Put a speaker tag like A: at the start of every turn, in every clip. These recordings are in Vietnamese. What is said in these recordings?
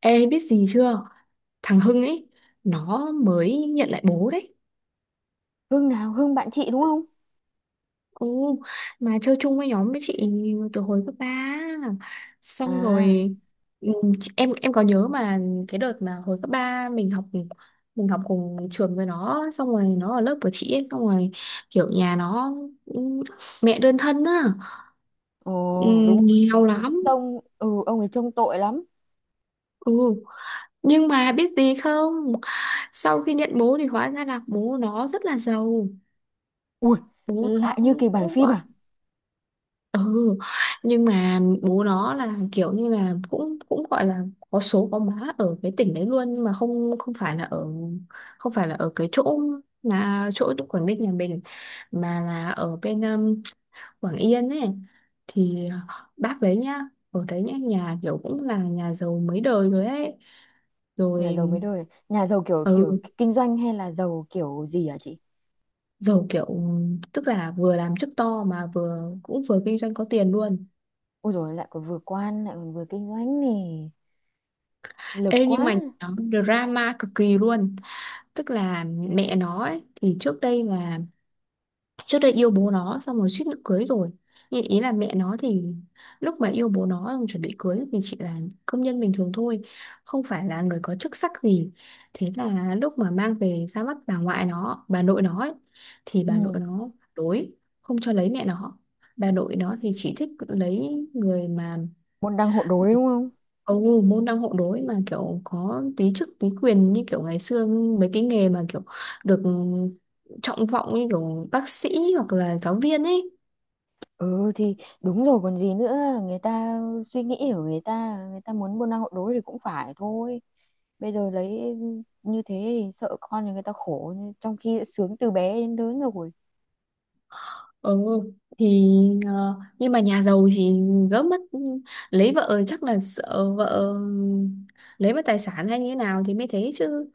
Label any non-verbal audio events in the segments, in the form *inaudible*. A: Ê, biết gì chưa? Thằng Hưng ấy, nó mới nhận lại bố đấy.
B: Hưng nào? Hưng bạn chị đúng không?
A: Ồ, mà chơi chung với nhóm với chị từ hồi cấp ba. Xong
B: À,
A: rồi ừ, em có nhớ mà. Cái đợt mà hồi cấp 3 mình học, mình học cùng trường với nó. Xong rồi nó ở lớp của chị ấy. Xong rồi kiểu nhà nó, ừ, mẹ đơn thân á. Ừ,
B: ồ, đúng rồi.
A: nghèo
B: Ông
A: lắm.
B: ấy trông, ừ, ông ấy trông tội lắm.
A: Ừ, nhưng mà biết gì không? Sau khi nhận bố thì hóa ra là bố nó rất là giàu.
B: Ui,
A: Bố nó
B: lại như
A: cũng
B: kịch bản
A: cũng
B: phim
A: gọi...
B: à?
A: Ừ, nhưng mà bố nó là kiểu như là cũng cũng gọi là có số có má ở cái tỉnh đấy luôn, nhưng mà không không phải là ở, cái chỗ là chỗ Quảng Ninh nhà mình, mà là ở bên Quảng Yên ấy thì, bác đấy nhá, ở đấy nhá, nhà kiểu cũng là nhà giàu mấy đời rồi ấy.
B: Nhà
A: Rồi
B: giàu mấy đời, nhà giàu kiểu kiểu
A: ừ,
B: kinh doanh hay là giàu kiểu gì hả chị?
A: giàu kiểu tức là vừa làm chức to mà vừa cũng vừa kinh doanh có tiền luôn.
B: Ôi rồi lại còn vừa quan lại còn vừa kinh doanh này, lực
A: Ê
B: quá.
A: nhưng mà nó drama cực kỳ luôn. Tức là mẹ nó ấy, thì trước đây yêu bố nó xong rồi suýt nữa cưới rồi. Nhưng ý là mẹ nó thì lúc mà yêu bố nó xong chuẩn bị cưới thì chỉ là công nhân bình thường thôi, không phải là người có chức sắc gì. Thế là lúc mà mang về ra mắt bà nội nó ấy, thì bà nội
B: Ừ,
A: nó đối, không cho lấy mẹ nó. Bà nội nó thì chỉ thích lấy người mà...
B: môn đăng hộ đối đúng không?
A: Ồ, môn đăng hộ đối mà kiểu có tí chức tí quyền, như kiểu ngày xưa mấy cái nghề mà kiểu được trọng vọng như kiểu bác sĩ hoặc là giáo viên ấy.
B: Ừ thì đúng rồi còn gì nữa, người ta suy nghĩ của người ta, người ta muốn buôn năng hộ đối thì cũng phải thôi. Bây giờ lấy như thế thì sợ con thì người ta khổ, trong khi đã sướng từ bé đến lớn rồi.
A: Ừ, thì nhưng mà nhà giàu thì gỡ mất, lấy vợ chắc là sợ vợ lấy mất tài sản hay như thế nào thì mới thế chứ.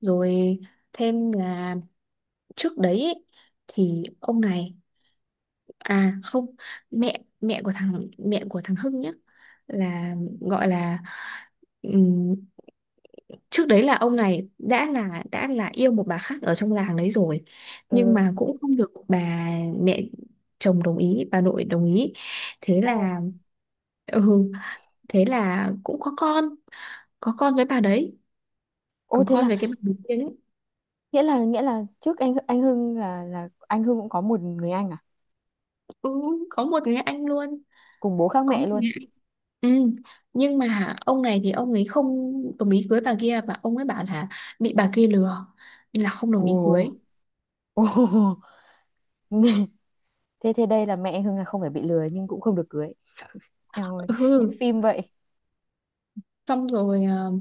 A: Rồi thêm là trước đấy ấy, thì ông này, à không, mẹ mẹ của thằng Hưng nhé, là gọi là ừm, trước đấy là ông này đã là yêu một bà khác ở trong làng đấy rồi, nhưng
B: Ừ,
A: mà cũng không được bà mẹ chồng đồng ý, bà nội đồng ý. Thế
B: ồ,
A: là ừ, thế là cũng có con, có con với bà đấy.
B: ô
A: Có
B: thế
A: con
B: là,
A: với cái bà đầu tiên ấy.
B: nghĩa là trước anh Hưng là anh Hưng cũng có một người anh à,
A: Ừ, có một người anh luôn,
B: cùng bố khác
A: có
B: mẹ
A: một
B: luôn.
A: người. Ừ. Nhưng mà ông này thì ông ấy không đồng ý cưới bà kia, và ông ấy bảo là bị bà kia lừa nên là không
B: Ồ,
A: đồng ý cưới.
B: ồ. *laughs* Thế thế đây là mẹ anh Hưng là không phải bị lừa nhưng cũng không được cưới. Eo ơi, như
A: Ừ.
B: phim vậy.
A: Xong rồi ờ,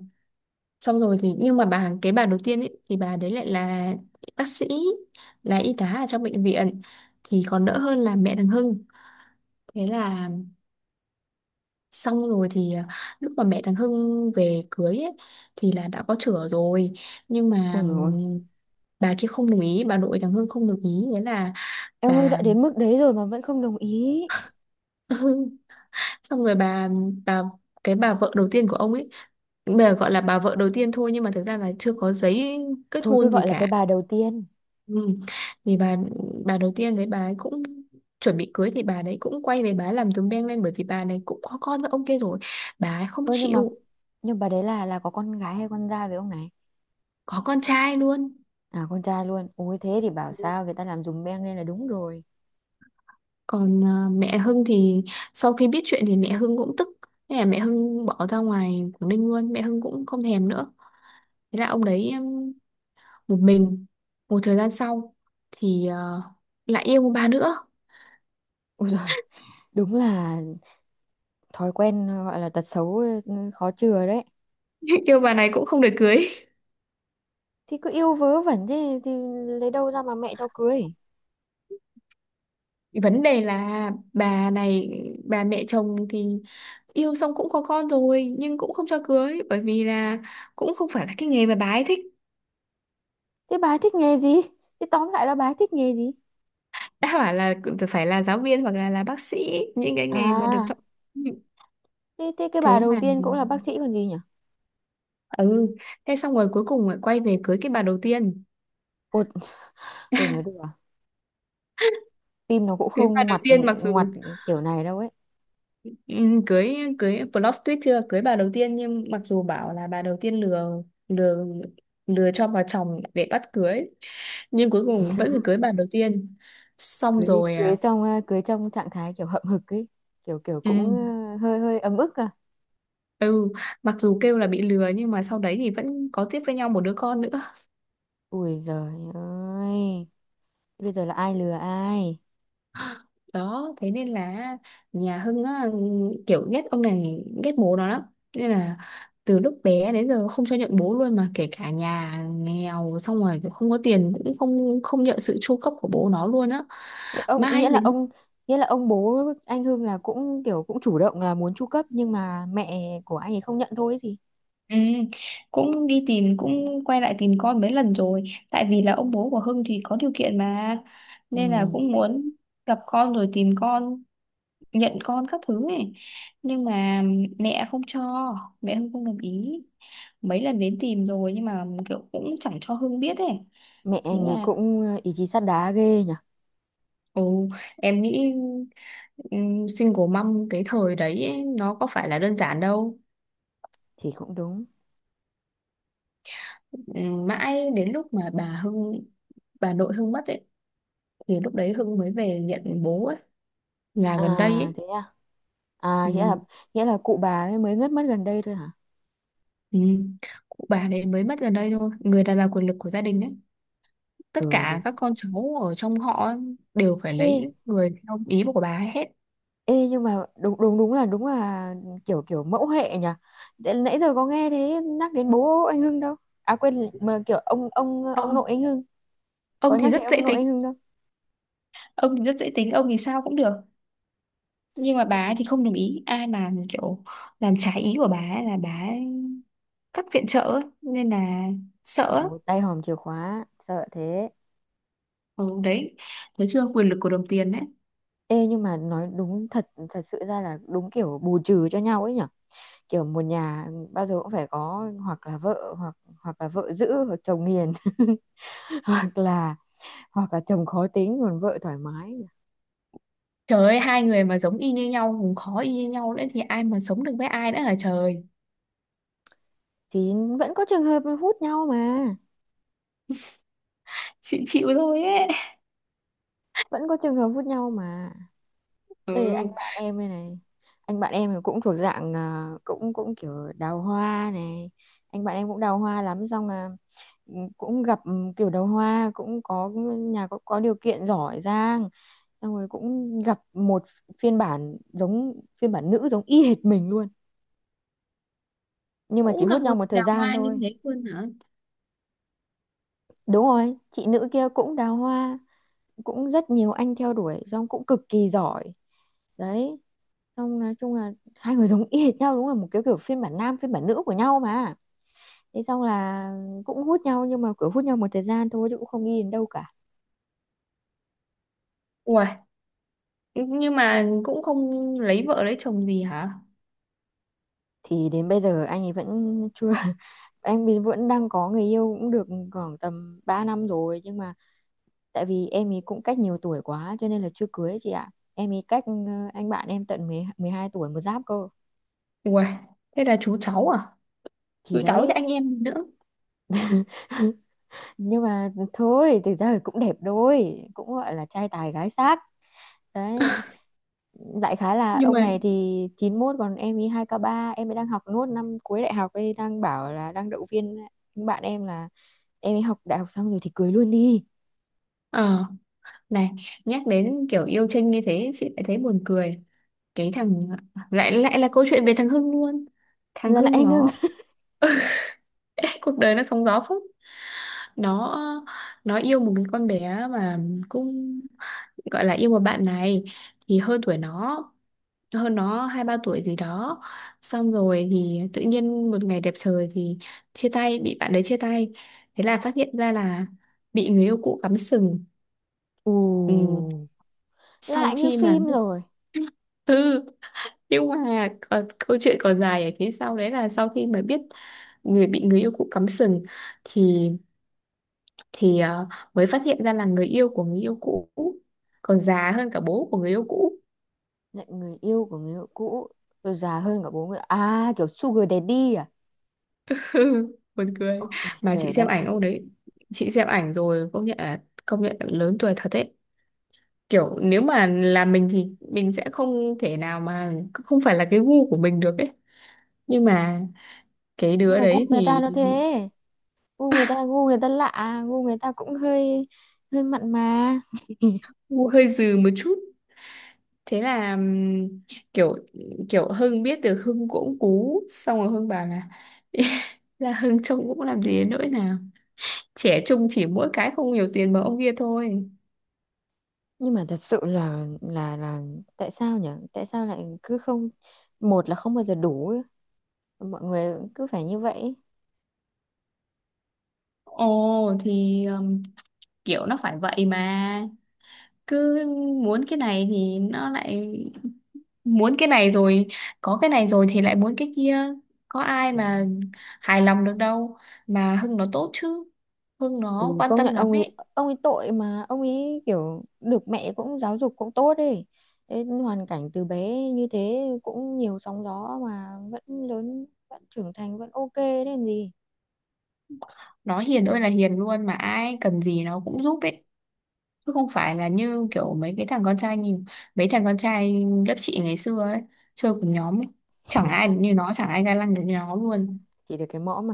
A: Xong rồi thì nhưng mà cái bà đầu tiên ấy thì bà đấy lại là bác sĩ, là y tá ở trong bệnh viện thì còn đỡ hơn là mẹ thằng Hưng. Thế là xong rồi thì lúc mà mẹ thằng Hưng về cưới ấy, thì là đã có chửa rồi, nhưng mà
B: Ôi rồi,
A: bà kia không đồng ý, bà nội thằng Hưng không đồng ý, thế là
B: em ơi đã
A: bà
B: đến mức đấy rồi mà vẫn không đồng ý.
A: *laughs* xong rồi bà cái bà vợ đầu tiên của ông ấy, bây giờ gọi là bà vợ đầu tiên thôi nhưng mà thực ra là chưa có giấy kết
B: Thôi cứ
A: hôn gì
B: gọi là cái
A: cả.
B: bà đầu tiên
A: Ừ. Thì bà đầu tiên đấy, bà ấy cũng chuẩn bị cưới thì bà đấy cũng quay về, bà ấy làm dùm beng lên bởi vì bà này cũng có con với ông kia rồi, bà ấy không
B: thôi, nhưng mà
A: chịu.
B: nhưng bà đấy là có con gái hay con trai với ông này?
A: Có con trai luôn.
B: À con trai luôn, ui thế thì bảo sao người ta làm dùm beng lên là đúng rồi.
A: Còn à, mẹ Hưng thì sau khi biết chuyện thì mẹ Hưng cũng tức, thế là mẹ Hưng bỏ ra ngoài Quảng Ninh luôn, mẹ Hưng cũng không thèm nữa. Thế là ông đấy một mình, một thời gian sau thì lại yêu một bà nữa.
B: Ui rồi, đúng là thói quen gọi là tật xấu, ừ, khó chừa đấy.
A: *laughs* Yêu bà này cũng không được cưới.
B: Thì cứ yêu vớ vẩn thế thì lấy đâu ra mà mẹ cho cưới.
A: Vấn đề là bà này, bà mẹ chồng thì yêu xong cũng có con rồi nhưng cũng không cho cưới bởi vì là cũng không phải là cái nghề mà bà ấy thích.
B: Thế bà ấy thích nghề gì, thế tóm lại là bà ấy thích nghề gì?
A: Đã bảo là phải là giáo viên hoặc là bác sĩ, những cái nghề mà được
B: À
A: chọn.
B: thế, thế cái bà
A: Thế
B: đầu
A: là
B: tiên cũng là bác sĩ còn gì nhỉ.
A: ừ, thế xong rồi cuối cùng lại quay về cưới cái bà đầu tiên.
B: Ôi, ôi nói đùa, phim nó cũng
A: Cưới bà
B: không
A: đầu
B: ngoặt
A: tiên mặc dù...
B: ngoặt kiểu này đâu ấy.
A: Ừ, cưới cưới plot twist chưa, cưới bà đầu tiên nhưng mặc dù bảo là bà đầu tiên lừa, lừa lừa cho bà chồng để bắt cưới, nhưng cuối cùng vẫn phải cưới bà đầu tiên xong
B: cưới
A: rồi,
B: cưới
A: à
B: trong cưới trong trạng thái kiểu hậm hực ấy, kiểu kiểu cũng
A: ừ,
B: hơi hơi ấm ức à.
A: ừ, mặc dù kêu là bị lừa nhưng mà sau đấy thì vẫn có tiếp với nhau một đứa con nữa.
B: Ui giời ơi, bây giờ là ai lừa ai.
A: Đó, thế nên là nhà Hưng á, kiểu ghét ông này, ghét bố nó lắm, nên là từ lúc bé đến giờ không cho nhận bố luôn, mà kể cả nhà nghèo xong rồi kiểu không có tiền cũng không không nhận sự chu cấp của bố nó luôn á.
B: Thế ông, nghĩa
A: Mai
B: là
A: dính.
B: ông, nghĩa là ông bố anh Hưng là cũng kiểu cũng chủ động là muốn chu cấp nhưng mà mẹ của anh ấy không nhận thôi ấy gì.
A: Ừ, cũng đi tìm, cũng quay lại tìm con mấy lần rồi. Tại vì là ông bố của Hưng thì có điều kiện mà, nên là
B: Ừ.
A: cũng muốn gặp con rồi tìm con, nhận con các thứ ấy. Nhưng mà mẹ không cho, mẹ Hưng không đồng ý, mấy lần đến tìm rồi nhưng mà kiểu cũng chẳng cho Hưng biết ấy.
B: Mẹ
A: Thế
B: anh ấy
A: là
B: cũng ờ, ý chí sắt đá ghê nhỉ.
A: ồ, em nghĩ single mom cái thời đấy ấy, nó có phải là đơn giản đâu.
B: Thì cũng đúng.
A: Mãi đến lúc mà bà nội Hưng mất ấy thì lúc đấy Hưng mới về nhận bố ấy, là
B: À
A: gần đây ấy.
B: thế à, à nghĩa là,
A: Ừm.
B: nghĩa là cụ bà ấy mới ngất mất gần đây thôi hả.
A: Ừm. Cụ bà đấy mới mất gần đây thôi, người đàn bà quyền lực của gia đình ấy. Tất
B: Ừ
A: cả
B: đúng.
A: các con cháu ở trong họ ấy đều phải
B: Ê,
A: lấy người theo ý của bà ấy hết.
B: Ê nhưng mà đúng đúng đúng là kiểu kiểu mẫu hệ nhỉ. Để- Nãy giờ có nghe thế nhắc đến bố anh Hưng đâu. À quên mà kiểu ông
A: ông
B: nội anh Hưng, có
A: ông thì
B: nhắc
A: rất
B: đến
A: dễ
B: ông nội
A: tính,
B: anh Hưng đâu.
A: ông thì sao cũng được. Nhưng mà bà ấy thì không đồng ý, ai mà kiểu làm trái ý của bà ấy là bà ấy cắt viện trợ ấy, nên là
B: Ôi
A: sợ lắm.
B: dồi tay hòm chìa khóa sợ thế.
A: Ừ, đấy, thấy chưa, quyền lực của đồng tiền đấy.
B: Ê nhưng mà nói đúng, thật thật sự ra là đúng kiểu bù trừ cho nhau ấy nhỉ. Kiểu một nhà bao giờ cũng phải có hoặc là vợ hoặc hoặc là vợ dữ hoặc chồng hiền. *laughs* Hoặc là, hoặc là chồng khó tính còn vợ thoải mái.
A: Trời ơi, hai người mà giống y như nhau, cũng khó, y như nhau nữa thì ai mà sống được với ai nữa là trời.
B: Thì vẫn có trường hợp hút nhau mà.
A: Chịu chịu thôi ấy.
B: Vẫn có trường hợp hút nhau mà. Đây anh
A: Ừ.
B: bạn em đây này, anh bạn em thì cũng thuộc dạng à, cũng cũng kiểu đào hoa này. Anh bạn em cũng đào hoa lắm, xong là ừ, cũng gặp ừ, kiểu đào hoa cũng có nhà có điều kiện giỏi giang. Xong rồi cũng gặp một phiên bản giống phiên bản nữ giống y hệt mình luôn, nhưng mà chỉ
A: Cũng
B: hút
A: gặp
B: nhau
A: một
B: một thời
A: đào
B: gian
A: hoa như
B: thôi.
A: thế luôn hả?
B: Đúng rồi, chị nữ kia cũng đào hoa, cũng rất nhiều anh theo đuổi, xong cũng cực kỳ giỏi. Đấy, xong nói chung là hai người giống y hệt nhau, đúng là một cái kiểu phiên bản nam phiên bản nữ của nhau mà. Thế xong là cũng hút nhau, nhưng mà kiểu hút nhau một thời gian thôi chứ cũng không đi đến đâu cả.
A: Ủa, nhưng mà cũng không lấy vợ lấy chồng gì hả?
B: Thì đến bây giờ anh ấy vẫn chưa. *laughs* Anh ấy vẫn đang có người yêu cũng được khoảng tầm 3 năm rồi, nhưng mà tại vì em ấy cũng cách nhiều tuổi quá cho nên là chưa cưới chị ạ. Em ấy cách ờ, anh bạn em tận mười mười hai tuổi, một giáp cơ.
A: Ủa, thế là chú cháu à,
B: Thì
A: chú cháu với
B: đấy,
A: anh em nữa,
B: nhưng mà thôi thực ra thì cũng đẹp đôi, cũng gọi là trai tài gái sắc. Đấy, đại khái là
A: nhưng
B: ông
A: mà
B: này thì chín mốt còn em ý hai k ba, em ấy đang học nốt năm cuối đại học ấy, đang bảo là đang động viên những bạn em là em ấy học đại học xong rồi thì cưới luôn đi.
A: ờ Này, nhắc đến kiểu yêu Trinh như thế, chị lại thấy buồn cười. Cái thằng, lại lại là câu chuyện về thằng Hưng luôn. Thằng
B: Là
A: Hưng
B: lại ngưng,
A: nó, *laughs* cuộc đời nó sóng gió phết. Nó, nó yêu một cái con bé mà, cũng gọi là yêu một bạn này thì hơn tuổi nó, hơn nó 2 3 tuổi gì đó. Xong rồi thì tự nhiên một ngày đẹp trời thì chia tay, bị bạn đấy chia tay, thế là phát hiện ra là bị người yêu cũ cắm sừng.
B: ù,
A: Ừ, sau
B: lại như
A: khi mà,
B: phim rồi.
A: ừ, nhưng mà còn, câu chuyện còn dài ở phía sau đấy là sau khi mà biết người bị người yêu cũ cắm sừng thì thì ờ, mới phát hiện ra là người yêu của người yêu cũ còn già hơn cả bố của người yêu cũ.
B: Lại người yêu của người yêu cũ, rồi già hơn cả bố người, à kiểu sugar daddy à.
A: *laughs* Ừ, buồn cười.
B: Ôi
A: Mà chị
B: trời
A: xem
B: đất.
A: ảnh ông đấy, chị xem ảnh rồi công nhận là lớn tuổi thật đấy. Kiểu nếu mà là mình thì mình sẽ không thể nào, mà không phải là cái gu của mình được ấy. Nhưng mà cái
B: Nhưng
A: đứa
B: mà gu
A: đấy
B: người ta
A: thì...
B: nó thế, gu người ta, gu người ta lạ, gu người ta cũng hơi hơi mặn mà.
A: Gu hơi dừ một chút. Thế là kiểu kiểu Hưng biết được, Hưng cũng cú, xong rồi Hưng bảo là *laughs* là Hưng trông cũng làm gì đến nỗi nào, trẻ trung, chỉ mỗi cái không nhiều tiền mà ông kia thôi.
B: Nhưng mà thật sự là là tại sao nhỉ, tại sao lại cứ không, một là không bao giờ đủ ấy. Mọi người cứ phải như vậy ấy.
A: Ồ, thì kiểu nó phải vậy mà, cứ muốn cái này thì nó lại muốn cái này rồi, có cái này rồi thì lại muốn cái kia, có ai mà
B: Kiểu,
A: hài lòng được đâu. Mà Hưng nó tốt chứ, Hưng nó
B: ừ,
A: quan
B: công
A: tâm
B: nhận
A: lắm
B: ông
A: ấy.
B: ấy, ông ấy tội mà ông ấy kiểu được mẹ cũng giáo dục cũng tốt ấy. Thế hoàn cảnh từ bé như thế cũng nhiều sóng gió mà vẫn lớn vẫn trưởng thành vẫn ok đấy làm gì.
A: Nó hiền ơi là hiền luôn, mà ai cần gì nó cũng giúp ấy, chứ không phải là như kiểu mấy thằng con trai lớp chị ngày xưa ấy, chơi cùng nhóm ấy. Chẳng ai
B: *laughs*
A: được như nó, chẳng ai ga lăng được như nó luôn.
B: Chỉ được cái mõm mà.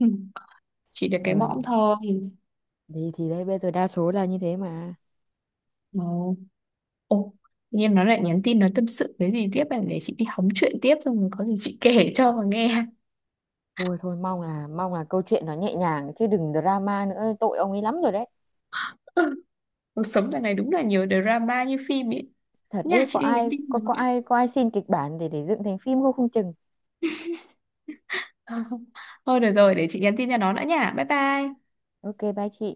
A: *laughs* Chỉ được cái
B: Rồi
A: mõm thôi.
B: thì đấy bây giờ đa số là như thế mà.
A: Ồ, ồ, tự nhiên nó lại nhắn tin, nó tâm sự cái gì tiếp này để chị đi hóng chuyện tiếp, xong rồi có gì chị kể cho mà nghe.
B: Thôi thôi, mong là câu chuyện nó nhẹ nhàng chứ đừng drama nữa, tội ông ấy lắm rồi đấy.
A: *laughs* Cuộc sống dạo này đúng là nhiều drama như phim ấy.
B: Thật
A: Nha,
B: đấy,
A: chị đi nhắn tin cho nó *laughs*
B: có
A: vậy.
B: ai xin kịch bản để dựng thành phim không không chừng.
A: Ờ, thôi được rồi, để chị nhắn tin cho nó đã nha. Bye bye.
B: Ok bye chị.